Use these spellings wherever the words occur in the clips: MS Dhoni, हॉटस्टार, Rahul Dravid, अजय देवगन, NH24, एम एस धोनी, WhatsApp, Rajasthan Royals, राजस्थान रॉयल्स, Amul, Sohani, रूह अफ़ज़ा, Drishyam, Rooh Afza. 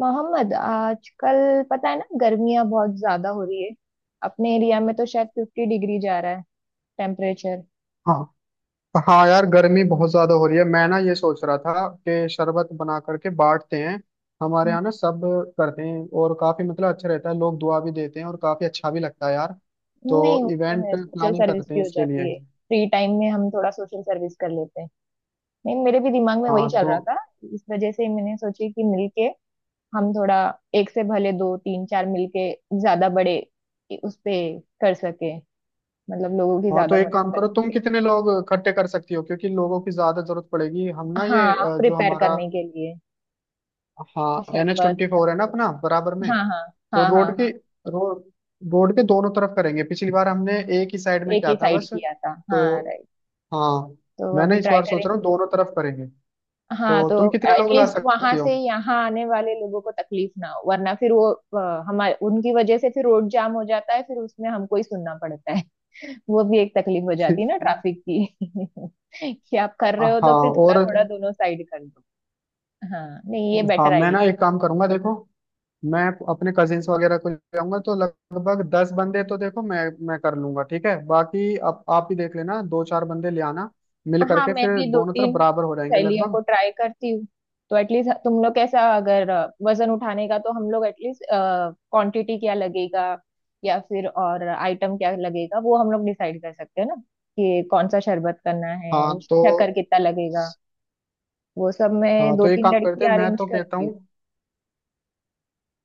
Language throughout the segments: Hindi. मोहम्मद आजकल पता है ना, गर्मियां बहुत ज्यादा हो रही है। अपने एरिया में तो शायद 50 डिग्री जा रहा है टेम्परेचर। हाँ। तो हाँ यार, गर्मी बहुत ज्यादा हो रही है। मैं ना ये सोच रहा था कि शरबत बना करके बांटते हैं। हमारे यहाँ ना सब करते हैं, और काफी मतलब अच्छा रहता है। लोग दुआ भी देते हैं और काफी अच्छा भी लगता है यार। तो नहीं, वो तो इवेंट है, सोशल प्लानिंग सर्विस करते भी हैं हो इसके लिए। जाती है। फ्री टाइम में हम थोड़ा सोशल सर्विस कर लेते हैं। नहीं, मेरे भी दिमाग में वही हाँ चल तो रहा था। इस वजह से मैंने सोची कि मिलके हम थोड़ा, एक से भले 2 3 4 मिलके ज्यादा बड़े उस पे कर सके, मतलब लोगों की हाँ, तो ज्यादा एक मदद काम कर करो, तुम सके। कितने लोग इकट्ठे कर सकती हो? क्योंकि लोगों की ज्यादा जरूरत पड़ेगी। हम ना ये हाँ, जो प्रिपेयर हमारा। करने के लिए हाँ, एन एच शरबत। ट्वेंटी फोर है ना अपना बराबर में, हाँ हाँ। तो हाँ रोड के। हाँ। रोड रोड के दोनों तरफ करेंगे। पिछली बार हमने एक ही साइड में एक किया ही था साइड बस। किया था, तो हाँ, राइट। हाँ, तो अभी मैंने इस ट्राई बार करें। सोच रहा हूँ दोनों तरफ करेंगे। हाँ, तो तो तुम कितने लोग ला एटलीस्ट वहां सकती हो? से यहाँ आने वाले लोगों को तकलीफ ना हो, वरना फिर वो हमारे, उनकी वजह से फिर रोड जाम हो जाता है, फिर उसमें हमको ही सुनना पड़ता है। वो भी एक तकलीफ हो जाती है ना, ट्रैफिक की। कि आप कर रहे हो हाँ, तो फिर और थोड़ा थोड़ा दोनों साइड कर दो। हाँ, नहीं, ये हाँ बेटर। मैं ना एक काम करूंगा देखो। मैं अपने कजिन्स वगैरह को ले आऊंगा, तो लगभग 10 बंदे तो देखो मैं, कर लूंगा। ठीक है, बाकी आप ही देख लेना, दो चार बंदे ले आना। मिल हाँ, करके मैं फिर भी दो दोनों तरफ तीन बराबर हो जाएंगे शैलियों को लगभग। ट्राई करती हूँ। तो एटलीस्ट तुम लोग कैसा, अगर वजन उठाने का, तो हम लोग एटलीस्ट क्वांटिटी क्या लगेगा या फिर और आइटम क्या लगेगा, वो हम लोग डिसाइड कर सकते हैं ना, कि कौन सा शरबत करना हाँ। है, तो शक्कर कितना लगेगा। वो सब हाँ मैं तो दो ये काम तीन करते हैं, लड़की मैं अरेंज तो कहता करती हूँ। हूँ।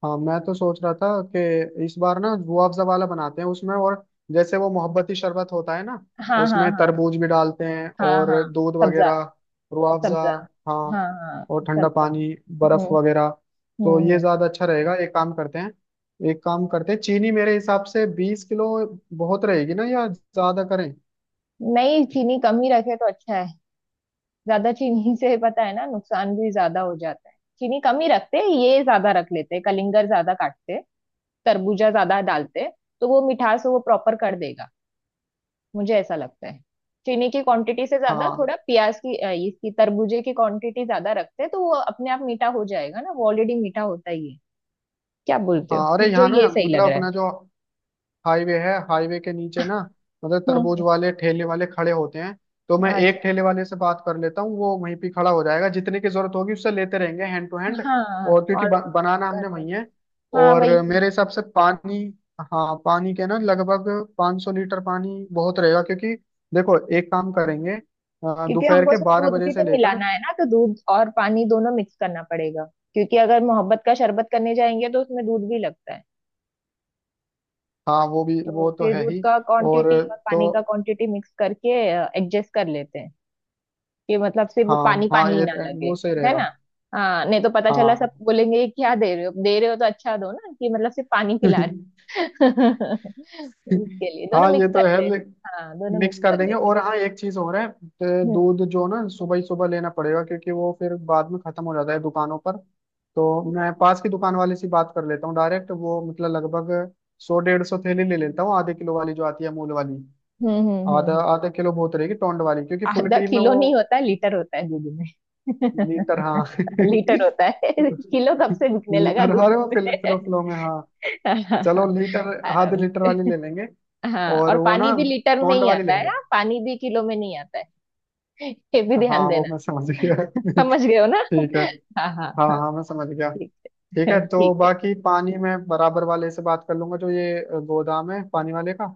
हाँ, मैं तो सोच रहा था कि इस बार ना जुआ अफ़ज़ा वाला बनाते हैं उसमें। और जैसे वो मोहब्बती शरबत होता है ना, हाँ हाँ उसमें हाँ। तरबूज भी डालते हैं हाँ हाँ। और दूध सब्जा। वगैरह। रुआ अफ़ज़ा। सब्जा। हाँ। हाँ हाँ। और ठंडा सब्जा। पानी हम्म बर्फ वगैरह। हम्म तो ये हम्म। ज्यादा अच्छा रहेगा, एक काम करते हैं। एक काम करते हैं, चीनी मेरे हिसाब से 20 किलो बहुत रहेगी ना, या ज्यादा करें? नहीं, चीनी कम ही रखे तो अच्छा। ज्यादा चीनी से पता है ना, नुकसान भी ज्यादा हो जाता है। चीनी कम ही रखते हैं, ये ज्यादा रख लेते हैं, कलिंगर ज्यादा काटते हैं, तरबूजा ज्यादा डालते हैं, तो वो मिठास वो प्रॉपर कर देगा। मुझे ऐसा लगता है चीनी की क्वांटिटी से ज्यादा हाँ। थोड़ा प्याज की इसकी, तरबूजे की क्वांटिटी ज्यादा रखते हैं तो वो अपने आप मीठा हो जाएगा ना, वो ऑलरेडी मीठा होता ही है। क्या बोलते हो, हाँ, अरे मुझे यहाँ ना ये सही लग मतलब रहा है। अपना जो हाईवे है, हाईवे के नीचे ना मतलब हम्म तरबूज हम्म, वाले ठेले वाले खड़े होते हैं। तो मैं एक अच्छा। ठेले वाले से बात कर लेता हूँ, वो वहीं पे खड़ा हो जाएगा, जितने की जरूरत होगी उससे लेते रहेंगे हैंड टू हैंड। हाँ, और क्योंकि और बनाना कर हमने वहीं सकते है। हैं। हाँ, और वही। मेरे हिसाब से पानी, हाँ पानी के ना लगभग 500 लीटर पानी बहुत रहेगा। क्योंकि देखो एक काम करेंगे, क्योंकि दोपहर हमको के उसमें बारह दूध बजे भी से तो लेकर। मिलाना है ना, तो दूध और पानी दोनों मिक्स करना पड़ेगा। क्योंकि अगर मोहब्बत का शरबत करने जाएंगे तो उसमें दूध भी लगता है। हाँ, वो भी तो वो तो फिर है दूध ही। का और क्वांटिटी और तो पानी का क्वांटिटी मिक्स करके एडजस्ट कर लेते हैं, कि मतलब सिर्फ हाँ पानी हाँ, पानी ही ये ना लगे, वो सही है ना? रहेगा। हाँ, नहीं तो पता चला सब हाँ। बोलेंगे "ये क्या दे रहे हो, दे रहे हो तो अच्छा दो ना, कि मतलब सिर्फ पानी पिला रहे हो।" इसके लिए दोनों हाँ मिक्स ये तो है करते हैं। हाँ, दोनों मिक्स मिक्स कर कर देंगे। लेते हैं। और हाँ, एक चीज और है, तो हम्म दूध जो ना सुबह ही सुबह लेना पड़ेगा, क्योंकि वो फिर बाद में खत्म हो जाता है दुकानों पर। तो मैं पास की दुकान वाले से बात कर लेता हूँ डायरेक्ट, वो मतलब लगभग सौ डेढ़ सौ थैली ले लेता हूँ आधे किलो वाली, जो आती है अमूल वाली। हम्म हम्म हम्म आधा हम्म। आधा किलो बहुत रहेगी, टोंड वाली, क्योंकि फुल आधा क्रीम में किलो वो। नहीं होता है, लीटर होता है दूध में। लीटर, हाँ लीटर होता है, किलो कब से बिकने लगा लीटर दूध वाले वो में। फिलो फिलो में हाँ। चलो लीटर, आधे आराम लीटर वाली से। ले लेंगे। हाँ, और और वो पानी ना भी लीटर में टोंड ही वाली आता है। लेंगे। हाँ, पानी भी किलो में नहीं आता है, ये भी ध्यान हाँ वो देना। मैं समझ गया। समझ गए हो ना। ठीक है। हाँ हाँ हाँ हाँ। हाँ, मैं समझ गया। ठीक ठीक है, है। तो ठीक है। बाकी पानी में बराबर वाले से बात कर लूंगा, जो ये गोदाम है पानी वाले का।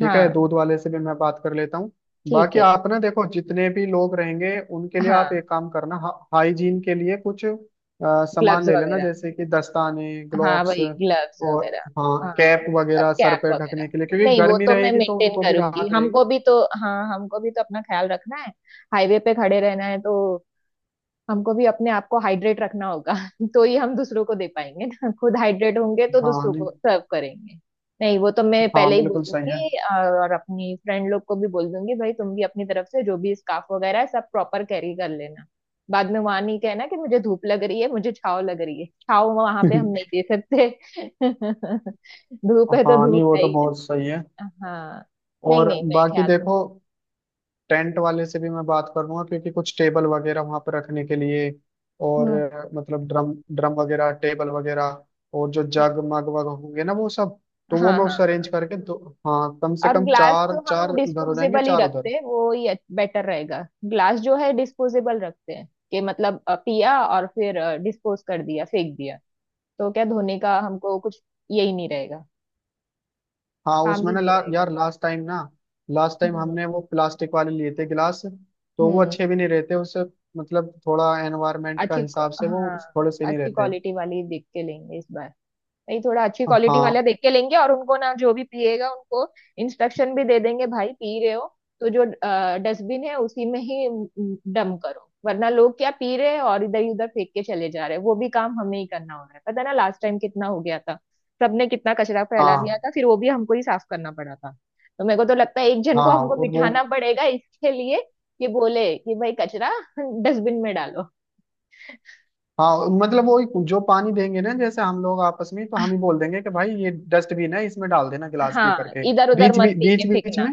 ठीक है, हाँ। दूध वाले से भी मैं बात कर लेता हूँ। ठीक बाकी है। आप ना देखो जितने भी लोग रहेंगे उनके लिए आप हाँ, एक काम करना, हाइजीन के लिए कुछ सामान ग्लव्स ले लेना, वगैरह। जैसे कि दस्ताने हाँ, ग्लोव्स। वही ग्लव्स और वगैरह। हाँ, कैप हाँ, अब वगैरह सर कैप पे ढकने वगैरह। के लिए, क्योंकि नहीं, वो गर्मी तो मैं रहेगी तो मेंटेन उनको भी करूंगी। राहत रहेगी। हमको भी तो, हाँ, हमको भी तो अपना ख्याल रखना है। हाईवे पे खड़े रहना है तो हमको भी अपने आप को हाइड्रेट रखना होगा। तो ही हम दूसरों को दे पाएंगे। ना खुद हाइड्रेट होंगे तो हाँ दूसरों नहीं, को सर्व करेंगे। नहीं, वो तो मैं हाँ पहले ही बोल बिल्कुल सही है। दूंगी। और अपनी फ्रेंड लोग को भी बोल दूंगी भाई तुम भी अपनी तरफ से जो भी स्कार्फ वगैरह है सब प्रॉपर कैरी कर लेना। बाद में वहां नहीं कहना कि मुझे धूप लग रही है, मुझे छाव लग रही है। छाव वहां पे हम नहीं दे सकते। धूप है तो हाँ नहीं, धूप वो है तो ही बहुत सही है। ना। हाँ, नहीं और नहीं, मैं बाकी ख्याल। देखो, टेंट वाले से भी मैं बात कर लूंगा, क्योंकि कुछ टेबल वगैरह वहां पर रखने के लिए। और हम्म। मतलब ड्रम ड्रम वगैरह टेबल वगैरह, और जो जग मग वग होंगे ना वो सब। तो वो हाँ मैं हाँ उससे हाँ। अरेंज करके दो। हाँ, कम से और कम ग्लास चार तो चार हम इधर हो जाएंगे, डिस्पोजेबल ही चार रखते उधर। हैं, वो ही बेटर रहेगा। ग्लास जो है डिस्पोजेबल रखते हैं, कि मतलब पिया और फिर डिस्पोज कर दिया, फेंक दिया। तो क्या धोने का हमको कुछ, यही नहीं रहेगा, हाँ, काम उसमें ही ना नहीं रहेगा। यार लास्ट टाइम ना, लास्ट टाइम हम्म। हमने वो प्लास्टिक वाले लिए थे गिलास, तो वो हम्म। अच्छे भी नहीं रहते उससे। मतलब थोड़ा एनवायरमेंट का अच्छी हिसाब से वो हाँ, थोड़े से नहीं अच्छी रहते। क्वालिटी वाली देख के लेंगे इस बार। नहीं, थोड़ा अच्छी क्वालिटी वाला हाँ देख के लेंगे। और उनको ना, जो भी पिएगा उनको इंस्ट्रक्शन भी दे देंगे, भाई पी रहे हो तो जो डस्टबिन है उसी में ही डम करो। वरना लोग क्या पी रहे हैं और इधर उधर फेंक के चले जा रहे हैं, वो भी काम हमें ही करना हो रहा है। पता है ना, लास्ट टाइम कितना हो गया था। सबने कितना कचरा फैला दिया हाँ था, फिर वो भी हमको ही साफ करना पड़ा था। तो मेरे को तो लगता है एक जन को हाँ, हमको और वो बिठाना पड़ेगा इसके लिए, कि बोले कि भाई कचरा डस्टबिन में डालो। हाँ, मतलब वो जो पानी देंगे ना, जैसे हम लोग आपस में तो हम ही बोल देंगे कि भाई ये डस्टबिन है, इसमें डाल देना गिलास पी हाँ, करके। इधर उधर बीच मत बीच फेंके, बीच बीच फेंकना। में।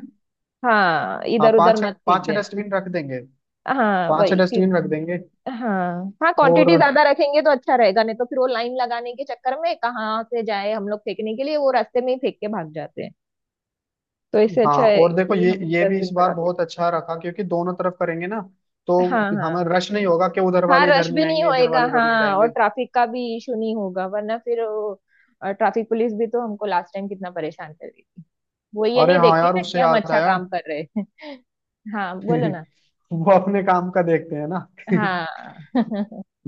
हाँ, हाँ, इधर उधर मत फेंक पांच छह देना। डस्टबिन रख देंगे, हाँ, पांच छह वही कि, डस्टबिन रख देंगे। हाँ हाँ, और क्वांटिटी ज्यादा रखेंगे तो अच्छा रहेगा। नहीं तो फिर वो लाइन लगाने के चक्कर में कहाँ से जाए हम लोग फेंकने के लिए, वो रास्ते में ही फेंक के भाग जाते हैं। तो इससे हाँ, अच्छा है और देखो, कि ये हम ये भी इस डस्टबिन बार बढ़ा दें। बहुत अच्छा रखा क्योंकि दोनों तरफ करेंगे ना। हाँ तो हाँ हमें हाँ। रश नहीं होगा कि उधर हाँ, वाले इधर रश नहीं भी नहीं आएंगे, इधर होएगा। वाले उधर नहीं हाँ, और जाएंगे। ट्रैफिक का भी इशू नहीं होगा, वरना फिर वो ट्रैफिक पुलिस भी तो हमको लास्ट टाइम कितना परेशान कर रही थी। वो ये अरे नहीं हाँ देखती यार, ना कि उससे हम याद अच्छा आया। काम कर रहे हैं। हाँ, बोलो ना। वो अपने काम का देखते हैं ना। हाँ।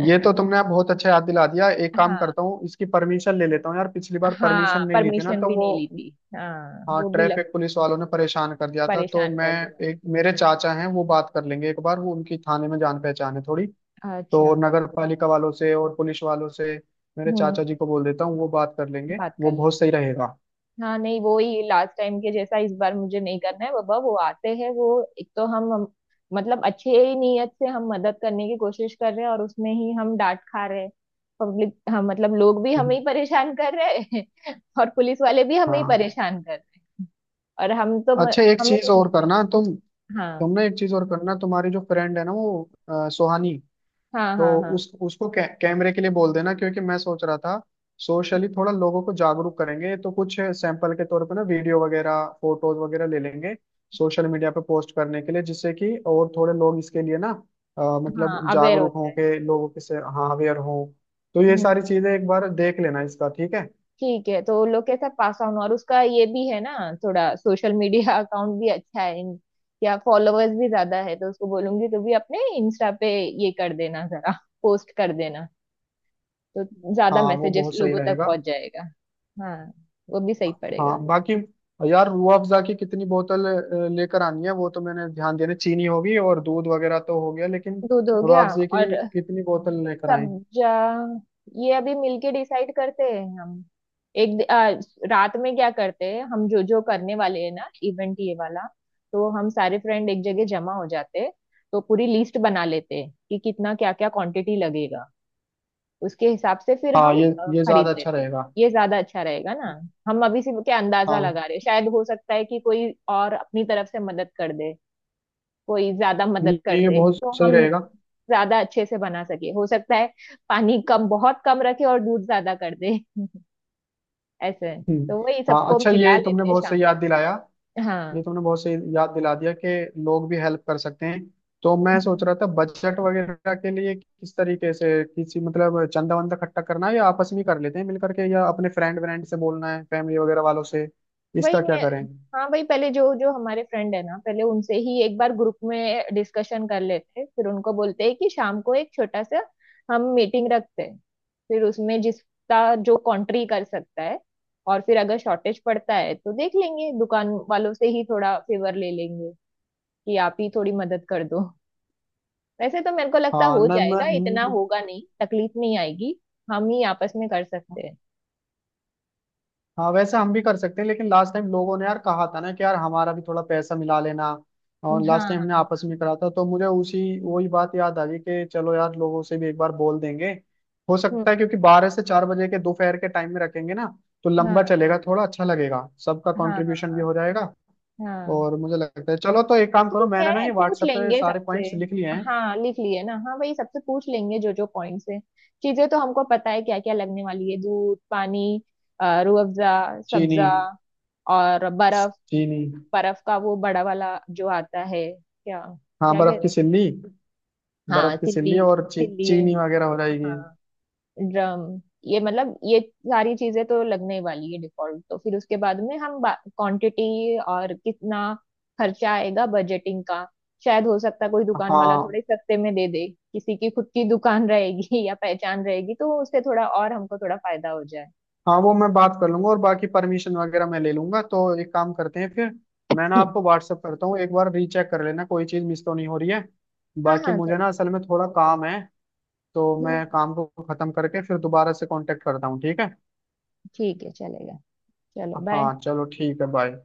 ये तो तुमने आप बहुत अच्छा याद दिला दिया। एक काम हाँ करता हूँ, इसकी परमिशन ले लेता हूँ यार। पिछली बार हाँ, परमिशन नहीं ली थी ना परमिशन तो भी वो। नहीं ली थी। हाँ, हाँ, वो भी लग, ट्रैफिक पुलिस वालों ने परेशान कर दिया था तो परेशान मैं, कर दिया। एक मेरे चाचा हैं वो बात कर लेंगे एक बार, वो उनकी थाने में जान पहचान है थोड़ी। अच्छा। तो नगर पालिका वालों से और पुलिस वालों से मेरे चाचा जी हम्म। को बोल देता हूँ, वो बात कर लेंगे, बात कर वो लेंगे। बहुत सही रहेगा। हाँ, नहीं, वो ही लास्ट टाइम के जैसा इस बार मुझे नहीं करना है बाबा। वो आते हैं वो, एक तो हम, मतलब अच्छे ही नीयत से हम मदद करने की कोशिश कर रहे हैं, और उसमें ही हम डांट खा रहे हैं। पब्लिक, हाँ, मतलब लोग भी हमें हम्म। ही परेशान कर रहे हैं। और पुलिस वाले भी हमें ही हाँ परेशान कर रहे हैं। और हम तो अच्छा, एक हमें चीज कुछ और नहीं मिल करना तुम। रहा। हाँ तुमने एक चीज और करना, तुम्हारी जो फ्रेंड है ना वो सोहानी, हाँ हाँ तो हाँ। उस उसको कैमरे के लिए बोल देना। क्योंकि मैं सोच रहा था सोशली थोड़ा लोगों को जागरूक करेंगे, तो कुछ सैंपल के तौर पे ना वीडियो वगैरह फोटोज वगैरह ले लेंगे, सोशल मीडिया पे पोस्ट करने के लिए, जिससे कि और थोड़े लोग इसके लिए ना मतलब हाँ, अवेयर जागरूक होता हों के लोगों के से, हाँ अवेयर हों। तो ये है। सारी चीजें एक बार देख लेना इसका, ठीक है? ठीक है, तो वो लोग कैसा पास ऑन और उसका ये भी है ना। थोड़ा सोशल मीडिया अकाउंट भी अच्छा है या फॉलोअर्स भी ज्यादा है, तो उसको बोलूंगी तो भी अपने इंस्टा पे ये कर देना जरा, पोस्ट कर देना, तो ज्यादा हाँ वो मैसेजेस बहुत सही लोगों तक रहेगा। पहुंच जाएगा। हाँ, वो भी सही पड़ेगा। हाँ बाकी, यार रूह अफ़ज़ा की कितनी बोतल लेकर आनी है, वो तो मैंने ध्यान देना। चीनी होगी और दूध वगैरह तो हो गया, लेकिन दूध हो रूह गया अफ़ज़ा और की कितनी बोतल लेकर आए? सब्जा, ये अभी मिलके डिसाइड करते हैं हम। एक दि- आ, रात में क्या करते हैं, हम जो जो करने वाले हैं ना इवेंट ये वाला, तो हम सारे फ्रेंड एक जगह जमा हो जाते हैं, तो पूरी लिस्ट बना लेते हैं कि कितना क्या क्या क्वांटिटी लगेगा, उसके हिसाब से फिर हाँ हम ये ज्यादा खरीद अच्छा लेते हैं। रहेगा। ये ज्यादा अच्छा रहेगा ना। हम अभी से क्या अंदाजा हाँ लगा रहे हैं, शायद हो सकता है कि कोई और अपनी तरफ से मदद कर दे। कोई ज्यादा मदद नहीं, कर ये दे बहुत तो सही हम रहेगा। ज्यादा अच्छे से बना सके, हो सकता है पानी कम, बहुत कम रखे और दूध ज्यादा कर दे। ऐसे है। हम्म। तो वही हाँ सबको अच्छा, मिला ये तुमने लेते हैं बहुत सही शाम। याद दिलाया। ये हाँ। तुमने बहुत सही याद दिला दिया कि लोग भी हेल्प कर सकते हैं। तो मैं हम्म। सोच रहा था बजट वगैरह के लिए किस तरीके से, किसी मतलब चंदा वंदा इकट्ठा करना है, या आपस में ही कर लेते हैं मिल करके, या अपने फ्रेंड व्रेंड से बोलना है फैमिली वगैरह वालों से, वही इसका क्या मैं, करें? हाँ, वही पहले जो जो हमारे फ्रेंड है ना, पहले उनसे ही एक बार ग्रुप में डिस्कशन कर लेते हैं, फिर उनको बोलते हैं कि शाम को एक छोटा सा हम मीटिंग रखते हैं, फिर उसमें जिसका जो कंट्री कर सकता है, और फिर अगर शॉर्टेज पड़ता है तो देख लेंगे दुकान वालों से ही थोड़ा फेवर ले लेंगे कि आप ही थोड़ी मदद कर दो। वैसे तो मेरे को लगता हाँ हो न मैं। जाएगा, इतना होगा नहीं, तकलीफ नहीं आएगी। हम ही आपस में कर सकते हैं। हाँ वैसे हम भी कर सकते हैं, लेकिन लास्ट टाइम लोगों ने यार कहा था ना कि यार, हमारा भी थोड़ा पैसा मिला लेना। और लास्ट हाँ टाइम हमने हाँ। आपस में करा था, तो मुझे उसी वही बात याद आ गई कि चलो यार, लोगों से भी एक बार बोल देंगे। हो सकता है, हम्म। क्योंकि 12 से 4 बजे के दोपहर के टाइम में रखेंगे ना, तो लंबा हाँ चलेगा, थोड़ा अच्छा लगेगा, सबका हाँ कंट्रीब्यूशन हाँ भी हो जाएगा। हाँ। और मुझे लगता है चलो, तो एक काम करो, ठीक मैंने ना है, ये पूछ व्हाट्सएप पे लेंगे सारे सबसे। पॉइंट्स लिख लिए हैं। हाँ, लिख लिए ना, हाँ, वही सबसे पूछ लेंगे जो जो पॉइंट्स है। चीजें तो हमको पता है क्या क्या लगने वाली है, दूध, पानी, रूह अफ़ज़ा, चीनी। सब्जा, और बर्फ। चीनी, बर्फ का वो बड़ा वाला जो आता है क्या, हाँ क्या बर्फ की कहते हैं? सिल्ली। हाँ, बर्फ की सिल्ली। सिल्ली और सिल्ली है। चीनी वगैरह हो जाएगी। हाँ, ड्रम, ये मतलब ये सारी चीजें तो लगने वाली है डिफॉल्ट, तो फिर उसके बाद में हम क्वांटिटी और कितना खर्चा आएगा, बजटिंग का। शायद हो सकता है कोई दुकान वाला हाँ थोड़े सस्ते में दे दे, किसी की खुद की दुकान रहेगी या पहचान रहेगी, तो उससे थोड़ा, और हमको थोड़ा फायदा हो जाए। हाँ, वो मैं बात कर लूंगा, और बाकी परमिशन वगैरह मैं ले लूंगा। तो एक काम करते हैं फिर, मैं ना हम्म। आपको व्हाट्सअप करता हूँ, एक बार रीचेक कर लेना कोई चीज़ मिस तो नहीं हो रही है। हाँ बाकी हाँ, मुझे चले। ना असल में थोड़ा काम है, तो मैं हम्म। काम को खत्म करके फिर दोबारा से कांटेक्ट करता हूँ, ठीक है? ठीक है, चलेगा। चलो, बाय। हाँ चलो ठीक है, बाय।